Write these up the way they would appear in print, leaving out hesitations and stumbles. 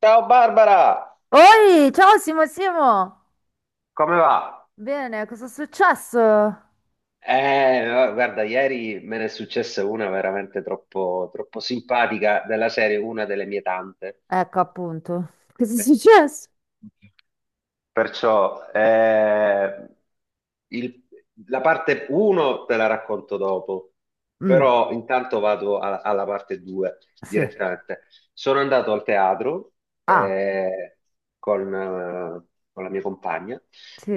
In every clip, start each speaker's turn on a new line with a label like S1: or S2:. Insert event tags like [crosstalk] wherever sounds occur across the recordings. S1: Ciao Barbara,
S2: Oi, ciao Simo!
S1: come va?
S2: Bene, cosa è successo?
S1: Guarda, ieri me ne è successa una veramente troppo simpatica della serie, una delle mie tante.
S2: Ecco appunto. Cosa è
S1: [laughs]
S2: successo?
S1: Perciò il- la parte 1 te la racconto dopo,
S2: Mm,
S1: però intanto alla parte 2
S2: sì.
S1: direttamente. Sono andato al teatro
S2: Ah,
S1: eh, con la mia compagna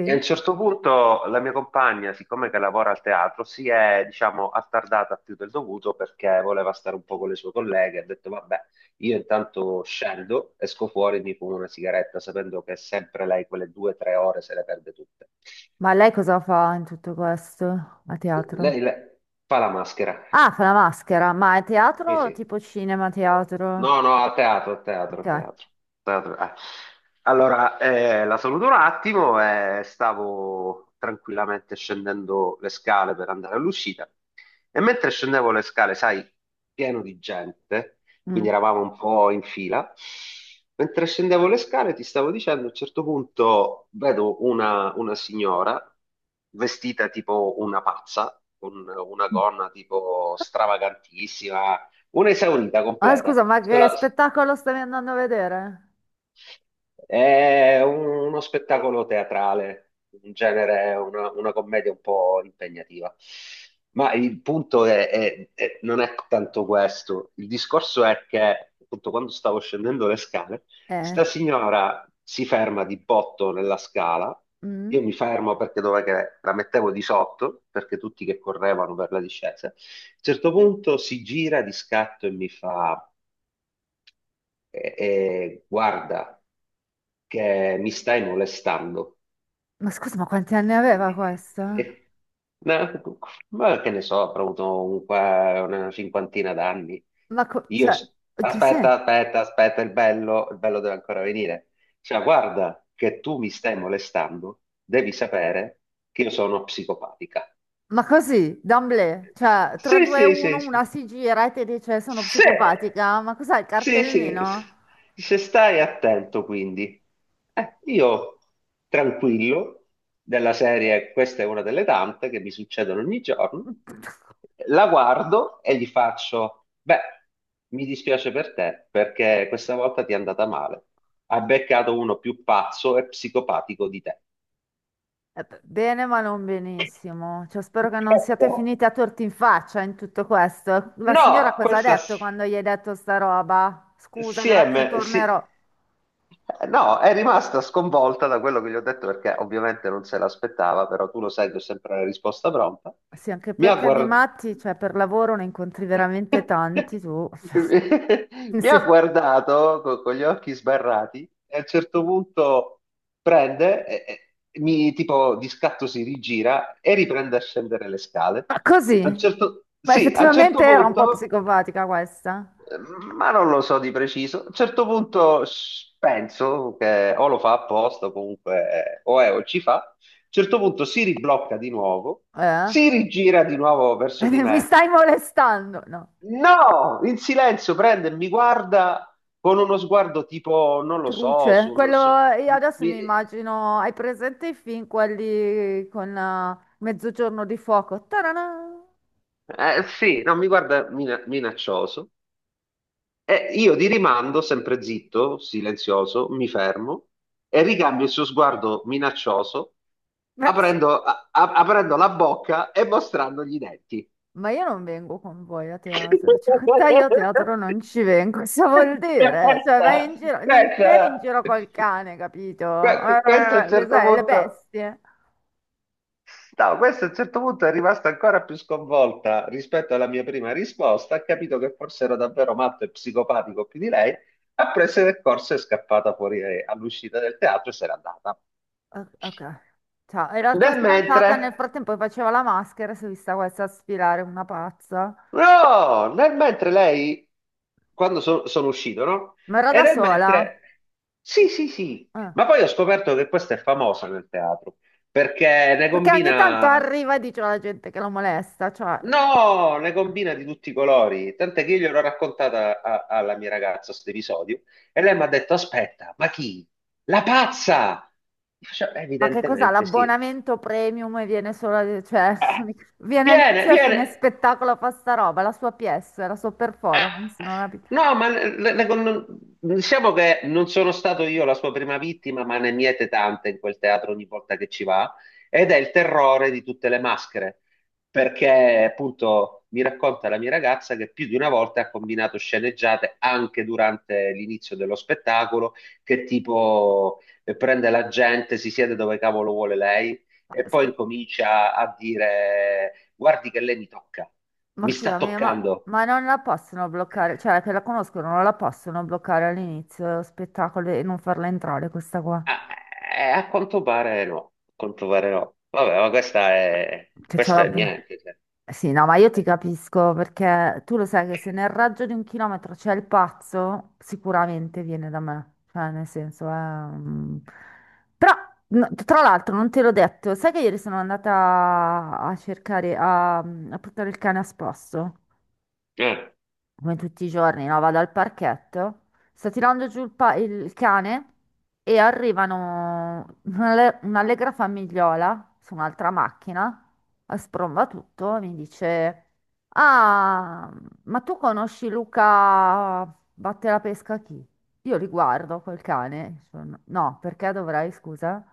S1: e a un certo punto la mia compagna, siccome che lavora al teatro, si è, diciamo, attardata più del dovuto perché voleva stare un po' con le sue colleghe. Ha detto, vabbè, io intanto scendo, esco fuori e mi fumo una sigaretta, sapendo che sempre lei quelle due o tre ore se le perde tutte.
S2: Ma lei cosa fa in tutto questo? A
S1: Lei,
S2: teatro?
S1: lei fa la maschera.
S2: Ah, fa la maschera, ma è
S1: Sì,
S2: teatro o
S1: sì.
S2: tipo cinema, teatro?
S1: No, no, a teatro, a teatro, a
S2: Ok.
S1: teatro. Teatro, eh. Allora, la saluto un attimo e stavo tranquillamente scendendo le scale per andare all'uscita. E mentre scendevo le scale, sai, pieno di gente,
S2: Mm.
S1: quindi eravamo un po' in fila. Mentre scendevo le scale, ti stavo dicendo, a un certo punto vedo una signora vestita tipo una pazza, con una gonna tipo stravagantissima, un'esaurita
S2: Ah,
S1: completa.
S2: scusa, ma
S1: Sono
S2: che spettacolo stavi andando a vedere?
S1: è uno spettacolo teatrale, in genere è una commedia un po' impegnativa. Ma il punto è non è tanto questo. Il discorso è che, appunto, quando stavo scendendo le scale,
S2: Eh,
S1: sta signora si ferma di botto nella scala. Io
S2: mm?
S1: mi fermo perché dov'è che la mettevo di sotto, perché tutti che correvano per la discesa. A un certo punto si gira di scatto e mi fa guarda che mi stai molestando.
S2: Ma scusa, ma quanti anni
S1: E-
S2: aveva questa?
S1: e- ma ma che ne so, avrò avuto un una cinquantina d'anni.
S2: Ma
S1: Io,
S2: cioè,
S1: s-
S2: che senso?
S1: aspetta, il bello deve ancora venire. Cioè, guarda che tu mi stai molestando, devi sapere che io sono psicopatica.
S2: Ma così, d'emblée, cioè 3,
S1: Sì,
S2: 2,
S1: sì,
S2: 1,
S1: sì, sì.
S2: una si gira e ti dice sono
S1: Sì,
S2: psicopatica, ma cos'è il
S1: sì, sì,
S2: cartellino?
S1: se stai attento quindi. Io tranquillo, della serie, questa è una delle tante che mi succedono ogni giorno, la guardo e gli faccio, beh, mi dispiace per te perché questa volta ti è andata male. Ha beccato uno più pazzo e psicopatico di te.
S2: Bene, ma non benissimo. Cioè, spero che non siate
S1: [laughs]
S2: finiti a torti in faccia in tutto questo. La signora
S1: No,
S2: cosa ha detto quando gli hai detto sta roba? Scusa, grazie, tornerò.
S1: No, è rimasta sconvolta da quello che gli ho detto perché ovviamente non se l'aspettava, però tu lo sai che ho sempre la risposta pronta.
S2: Sì, anche
S1: Mi ha
S2: perché di
S1: guardato.
S2: matti, cioè per lavoro ne incontri veramente tanti tu. [laughs]
S1: [laughs] Mi
S2: Sì.
S1: ha guardato con gli occhi sbarrati e a un certo punto prende, e mi tipo di scatto si rigira e riprende a scendere le scale.
S2: Ma così?
S1: A un certo,
S2: Ma
S1: sì, a un certo
S2: effettivamente era un po'
S1: punto
S2: psicopatica questa.
S1: Ma non lo so di preciso. A un certo punto penso che o lo fa apposta, o comunque o è o ci fa. A un certo punto si riblocca di nuovo,
S2: Eh?
S1: si rigira di nuovo
S2: [laughs]
S1: verso di
S2: Mi
S1: me.
S2: stai molestando? No.
S1: No! In silenzio prende e mi guarda con uno sguardo tipo, non lo so,
S2: Truce. Quello, io adesso
S1: mi-
S2: mi immagino, hai presente i film, quelli con Mezzogiorno di fuoco? Tarana! No.
S1: sì, no, mi guarda minaccioso. E io di rimando, sempre zitto, silenzioso, mi fermo e ricambio il suo sguardo minaccioso,
S2: Beh, sì.
S1: aprendo la bocca e mostrandogli i denti.
S2: Ma io non vengo con voi a teatro, cioè con te io a
S1: [laughs]
S2: teatro non ci vengo, cosa vuol dire? Cioè vai in
S1: Questa,
S2: giro, non eri in
S1: questa,
S2: giro col cane, capito?
S1: questo a un certo
S2: Cos'è, le
S1: punto.
S2: bestie?
S1: No, questa a un certo punto è rimasta ancora più sconvolta rispetto alla mia prima risposta, ha capito che forse ero davvero matto e psicopatico più di lei, ha preso del corso e è scappata fuori all'uscita del teatro e se n'è andata.
S2: Ok. Ciao, e la tua
S1: Nel mentre,
S2: fidanzata nel frattempo che faceva la maschera, si è vista questa sfilare una pazza.
S1: no, nel mentre lei, quando sono uscito, no?
S2: Ma era
S1: E
S2: da
S1: nel
S2: sola?
S1: mentre, sì, sì, sì,
S2: Ah.
S1: ma poi ho scoperto che questa è famosa nel teatro, perché ne
S2: Perché ogni tanto
S1: combina
S2: arriva e dice alla gente che la molesta, cioè,
S1: No, ne combina di tutti i colori. Tant'è che io gliel'ho raccontata alla mia ragazza questo episodio e lei mi ha detto: Aspetta, ma chi? La pazza! Io faccio,
S2: ma che cos'ha
S1: evidentemente sì.
S2: l'abbonamento premium e viene solo, cioè,
S1: Eh,
S2: [laughs] viene a inizio e a fine
S1: viene.
S2: spettacolo fa sta roba, la sua pièce, la sua
S1: Eh,
S2: performance, non ho capito.
S1: no, ma le- non- diciamo che non sono stato io la sua prima vittima, ma ne miete tante in quel teatro ogni volta che ci va, ed è il terrore di tutte le maschere, perché appunto mi racconta la mia ragazza che più di una volta ha combinato sceneggiate anche durante l'inizio dello spettacolo, che tipo prende la gente, si siede dove cavolo vuole lei
S2: Ma,
S1: e poi incomincia a dire guardi che lei mi tocca,
S2: ma
S1: mi sta
S2: scusami,
S1: toccando.
S2: ma non la possono bloccare, cioè, che la conoscono, non la possono bloccare all'inizio dello spettacolo e non farla entrare questa qua,
S1: Ah, a quanto pare no, a quanto pare no. Vabbè, ma
S2: che
S1: questa
S2: c'ha
S1: è
S2: la.
S1: niente. Cioè.
S2: Sì, no, ma io ti capisco perché tu lo sai che se nel raggio di un chilometro c'è il pazzo, sicuramente viene da me. Cioè, nel senso, Però, no, tra l'altro, non te l'ho detto, sai che ieri sono andata a cercare, a portare il cane a spasso?
S1: Eh,
S2: Come tutti i giorni, no? Vado al parchetto, sto tirando giù il cane e arrivano un'allegra famigliola su un'altra macchina, a spromba tutto, mi dice: Ah, ma tu conosci Luca Batte la pesca chi? Io li guardo quel cane. No, perché dovrei, scusa?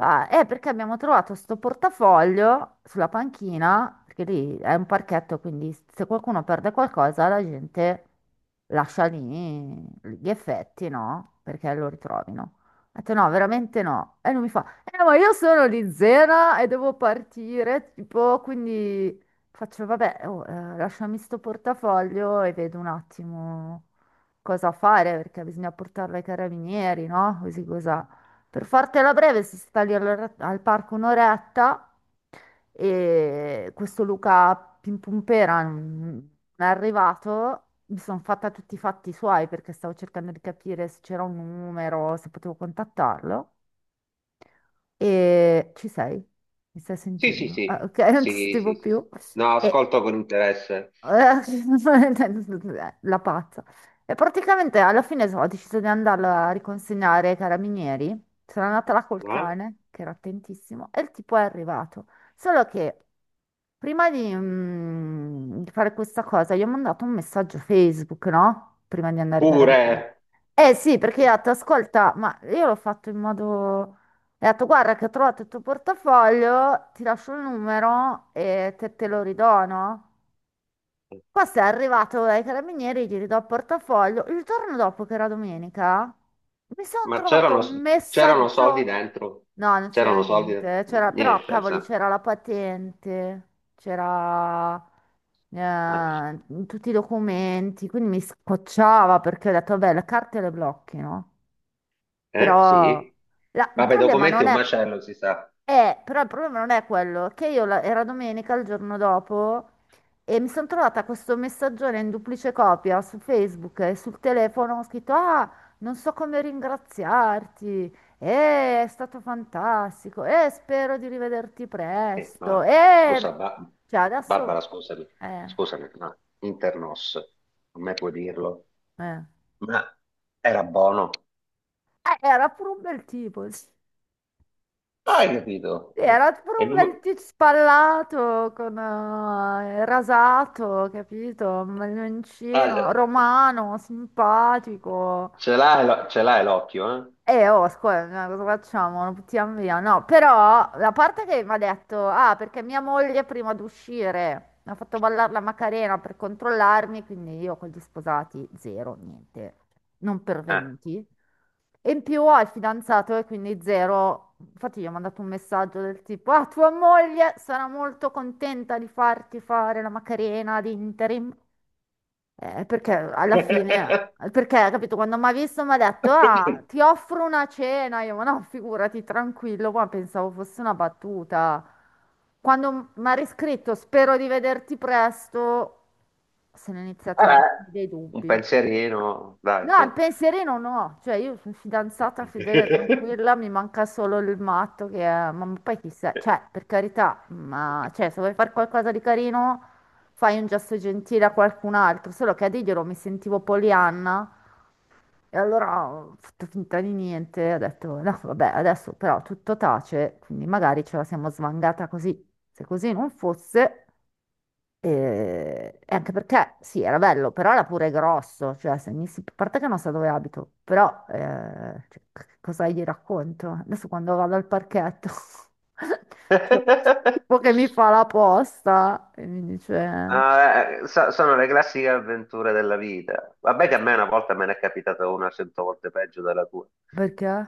S2: Ah, è perché abbiamo trovato sto portafoglio sulla panchina, perché lì è un parchetto, quindi se qualcuno perde qualcosa la gente lascia lì gli effetti, no? Perché lo ritrovino. Ho detto no, veramente no. E lui mi fa, ma io sono di Zena e devo partire, tipo, quindi. Faccio, vabbè, oh, lasciami sto portafoglio e vedo un attimo cosa fare, perché bisogna portarlo ai carabinieri, no? Così cosa. Per fartela breve, si sta lì al parco un'oretta e questo Luca Pimpumpera non è arrivato. Mi sono fatta tutti i fatti suoi perché stavo cercando di capire se c'era un numero, se potevo contattarlo. E ci sei? Mi stai
S1: Sì, sì,
S2: sentendo? Ah,
S1: sì,
S2: ok, [laughs] non
S1: sì,
S2: ti
S1: sì,
S2: sentivo
S1: sì, sì.
S2: più.
S1: No,
S2: E
S1: ascolto con interesse.
S2: eh, [laughs] la pazza. E praticamente alla fine ho deciso di andarla a riconsegnare ai carabinieri. Sono andata là col
S1: Eh?
S2: cane, che era attentissimo, e il tipo è arrivato. Solo che prima di fare questa cosa, gli ho mandato un messaggio Facebook, no? Prima di andare ai
S1: Pure,
S2: carabinieri. Eh sì, perché ho detto, ascolta, ma io l'ho fatto in modo. E ha detto, guarda che ho trovato il tuo portafoglio, ti lascio il numero e te lo ridono. Questo è arrivato ai carabinieri, gli ridò il portafoglio. Il giorno dopo, che era domenica, mi sono
S1: ma
S2: trovato un
S1: c'erano soldi
S2: messaggio.
S1: dentro?
S2: No, non c'era
S1: C'erano soldi?
S2: niente. C'era, però,
S1: Niente,
S2: cavoli,
S1: sa.
S2: c'era la patente, c'era tutti i documenti. Quindi mi scocciava perché ho detto, vabbè, le carte le blocchi, no? Però
S1: Sì.
S2: il
S1: Vabbè,
S2: problema
S1: documenti
S2: non
S1: è un
S2: è.
S1: macello, si sa.
S2: Però il problema non è quello, che io era domenica il giorno dopo e mi sono trovata questo messaggione in duplice copia su Facebook e sul telefono, ho scritto, ah, non so come ringraziarti, è stato fantastico, spero di rivederti
S1: Eh, ma
S2: presto,
S1: scusa, Ba-
S2: cioè adesso.
S1: Barbara,
S2: eh,
S1: scusami, ma Internos, a me puoi dirlo,
S2: eh,
S1: ma era buono.
S2: Era pure un bel tipo. [laughs]
S1: Hai capito?
S2: Sì, era tipo
S1: E
S2: un
S1: non- mi-
S2: bel tizio spallato con il rasato, capito? Un bel
S1: ah,
S2: mancino,
S1: eh,
S2: romano, simpatico.
S1: ce l'hai l'occhio,
S2: Oh, scusa, no, cosa facciamo? Non buttiamo via. No, però la parte che mi ha detto, ah, perché mia moglie prima di uscire mi ha fatto ballare la Macarena per controllarmi, quindi io con gli sposati zero, niente, non
S1: eh?
S2: pervenuti. E in più ho il fidanzato e quindi zero. Infatti gli ho mandato un messaggio del tipo, ah, tua moglie sarà molto contenta di farti fare la Macarena di interim. Perché alla fine, perché, capito, quando mi ha visto mi ha detto, ah,
S1: [laughs]
S2: ti offro una cena, io, ma no, figurati, tranquillo, ma pensavo fosse una battuta. Quando mi ha riscritto, spero di vederti presto, se ne sono iniziati a
S1: Vabbè,
S2: venire dei
S1: un
S2: dubbi.
S1: pensierino, dai,
S2: No,
S1: su.
S2: il pensierino no, cioè io sono fidanzata fedele, tranquilla,
S1: [laughs]
S2: mi manca solo il matto che è, ma poi chissà, cioè per carità, ma cioè, se vuoi fare qualcosa di carino fai un gesto gentile a qualcun altro, solo che a dirglielo mi sentivo Polianna e allora ho fatto finta di niente, ho detto no vabbè adesso però tutto tace, quindi magari ce la siamo svangata così, se così non fosse. E anche perché sì, era bello, però era pure grosso, cioè se mi si, a parte che non so dove abito, però cioè, cosa gli racconto? Adesso quando vado al parchetto, [laughs] cioè, tipo che mi fa la posta e mi dice
S1: Sono le classiche avventure della vita. Vabbè che a me una volta me ne è capitata una 100 volte peggio della tua.
S2: perché?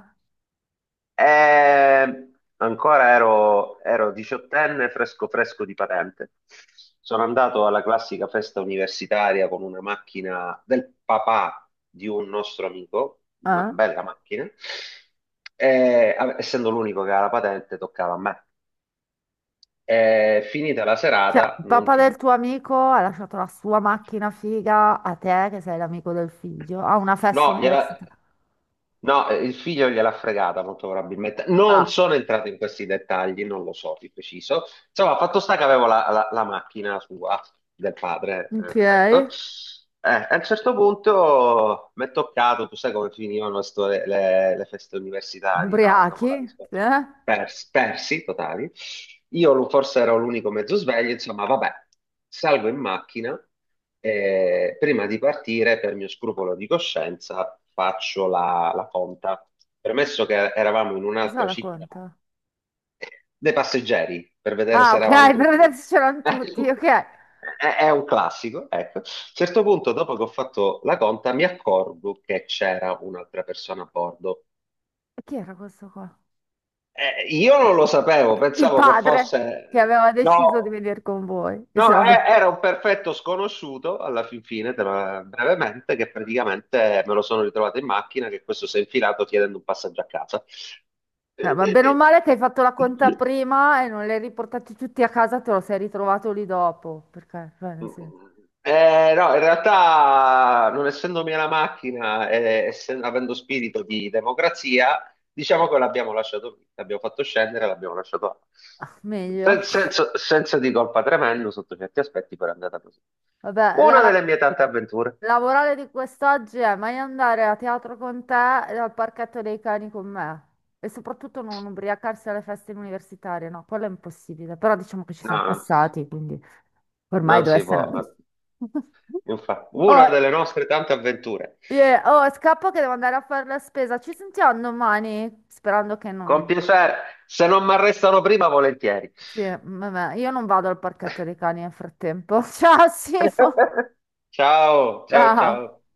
S1: E ero diciottenne, fresco fresco di patente. Sono andato alla classica festa universitaria con una macchina del papà di un nostro amico, una
S2: Eh?
S1: bella macchina, e essendo l'unico che aveva la patente, toccava a me. E finita la
S2: Cioè,
S1: serata,
S2: il
S1: non
S2: papà
S1: ti
S2: del
S1: dico.
S2: tuo amico ha lasciato la sua macchina figa a te, che sei l'amico del figlio, a una festa
S1: No, gliela.
S2: universitaria.
S1: No, il figlio gliel'ha fregata molto probabilmente. Non
S2: Ah,
S1: sono entrato in questi dettagli, non lo so di preciso. Insomma, fatto sta che avevo la macchina sua, del padre,
S2: ok,
S1: ecco. A un certo punto mi è toccato, tu sai come finivano le feste universitarie, no? Dopo
S2: ubriachi,
S1: la
S2: eh?
S1: persi totali. Io forse ero l'unico mezzo sveglio, insomma, vabbè, salgo in macchina. Prima di partire, per mio scrupolo di coscienza, faccio la conta. Premesso che eravamo in
S2: Cosa
S1: un'altra città,
S2: racconta?
S1: [laughs] dei passeggeri, per vedere
S2: Ah,
S1: se
S2: ok,
S1: eravamo
S2: [laughs] per vedere
S1: tutti.
S2: se c'erano
S1: [laughs]
S2: tutti, ok. E
S1: È, è un classico, ecco. A un certo punto, dopo che ho fatto la conta, mi accorgo che c'era un'altra persona a bordo.
S2: chi era questo qua?
S1: Io
S2: Eh,
S1: non lo sapevo,
S2: Il
S1: pensavo che
S2: padre
S1: fosse...
S2: che aveva
S1: No!
S2: deciso di venire con voi. E
S1: No,
S2: se no,
S1: era un perfetto sconosciuto alla fin fine, brevemente, che praticamente me lo sono ritrovato in macchina, che questo si è infilato chiedendo un passaggio a casa.
S2: ma bene o male che hai fatto la conta prima e non li hai riportati tutti a casa, te lo sei ritrovato lì dopo. Perché, cioè,
S1: No, in realtà, non essendo mia la macchina e avendo spirito di democrazia, diciamo che l'abbiamo lasciato lì, l'abbiamo fatto scendere, l'abbiamo lasciato là.
S2: ah, meglio.
S1: Senso di colpa tremendo sotto certi aspetti, però è andata così.
S2: Vabbè,
S1: Una
S2: la...
S1: delle mie tante avventure.
S2: La morale di quest'oggi è mai andare a teatro con te e al parchetto dei cani con me. E soprattutto non ubriacarsi alle feste universitarie, no, quello è impossibile. Però diciamo che ci siamo
S1: No, no.
S2: passati, quindi ormai
S1: Non
S2: deve
S1: si
S2: essere
S1: può,
S2: andato. [laughs]
S1: infatti, una
S2: Oh,
S1: delle nostre tante avventure.
S2: yeah, oh, scappo che devo andare a fare la spesa. Ci sentiamo domani? Sperando che
S1: Con
S2: non.
S1: piacere, se non mi arrestano prima, volentieri.
S2: Sì, vabbè, io non vado al parchetto dei cani nel frattempo. [laughs] Ciao, Simo.
S1: [laughs] Ciao, ciao, ciao.
S2: Ciao.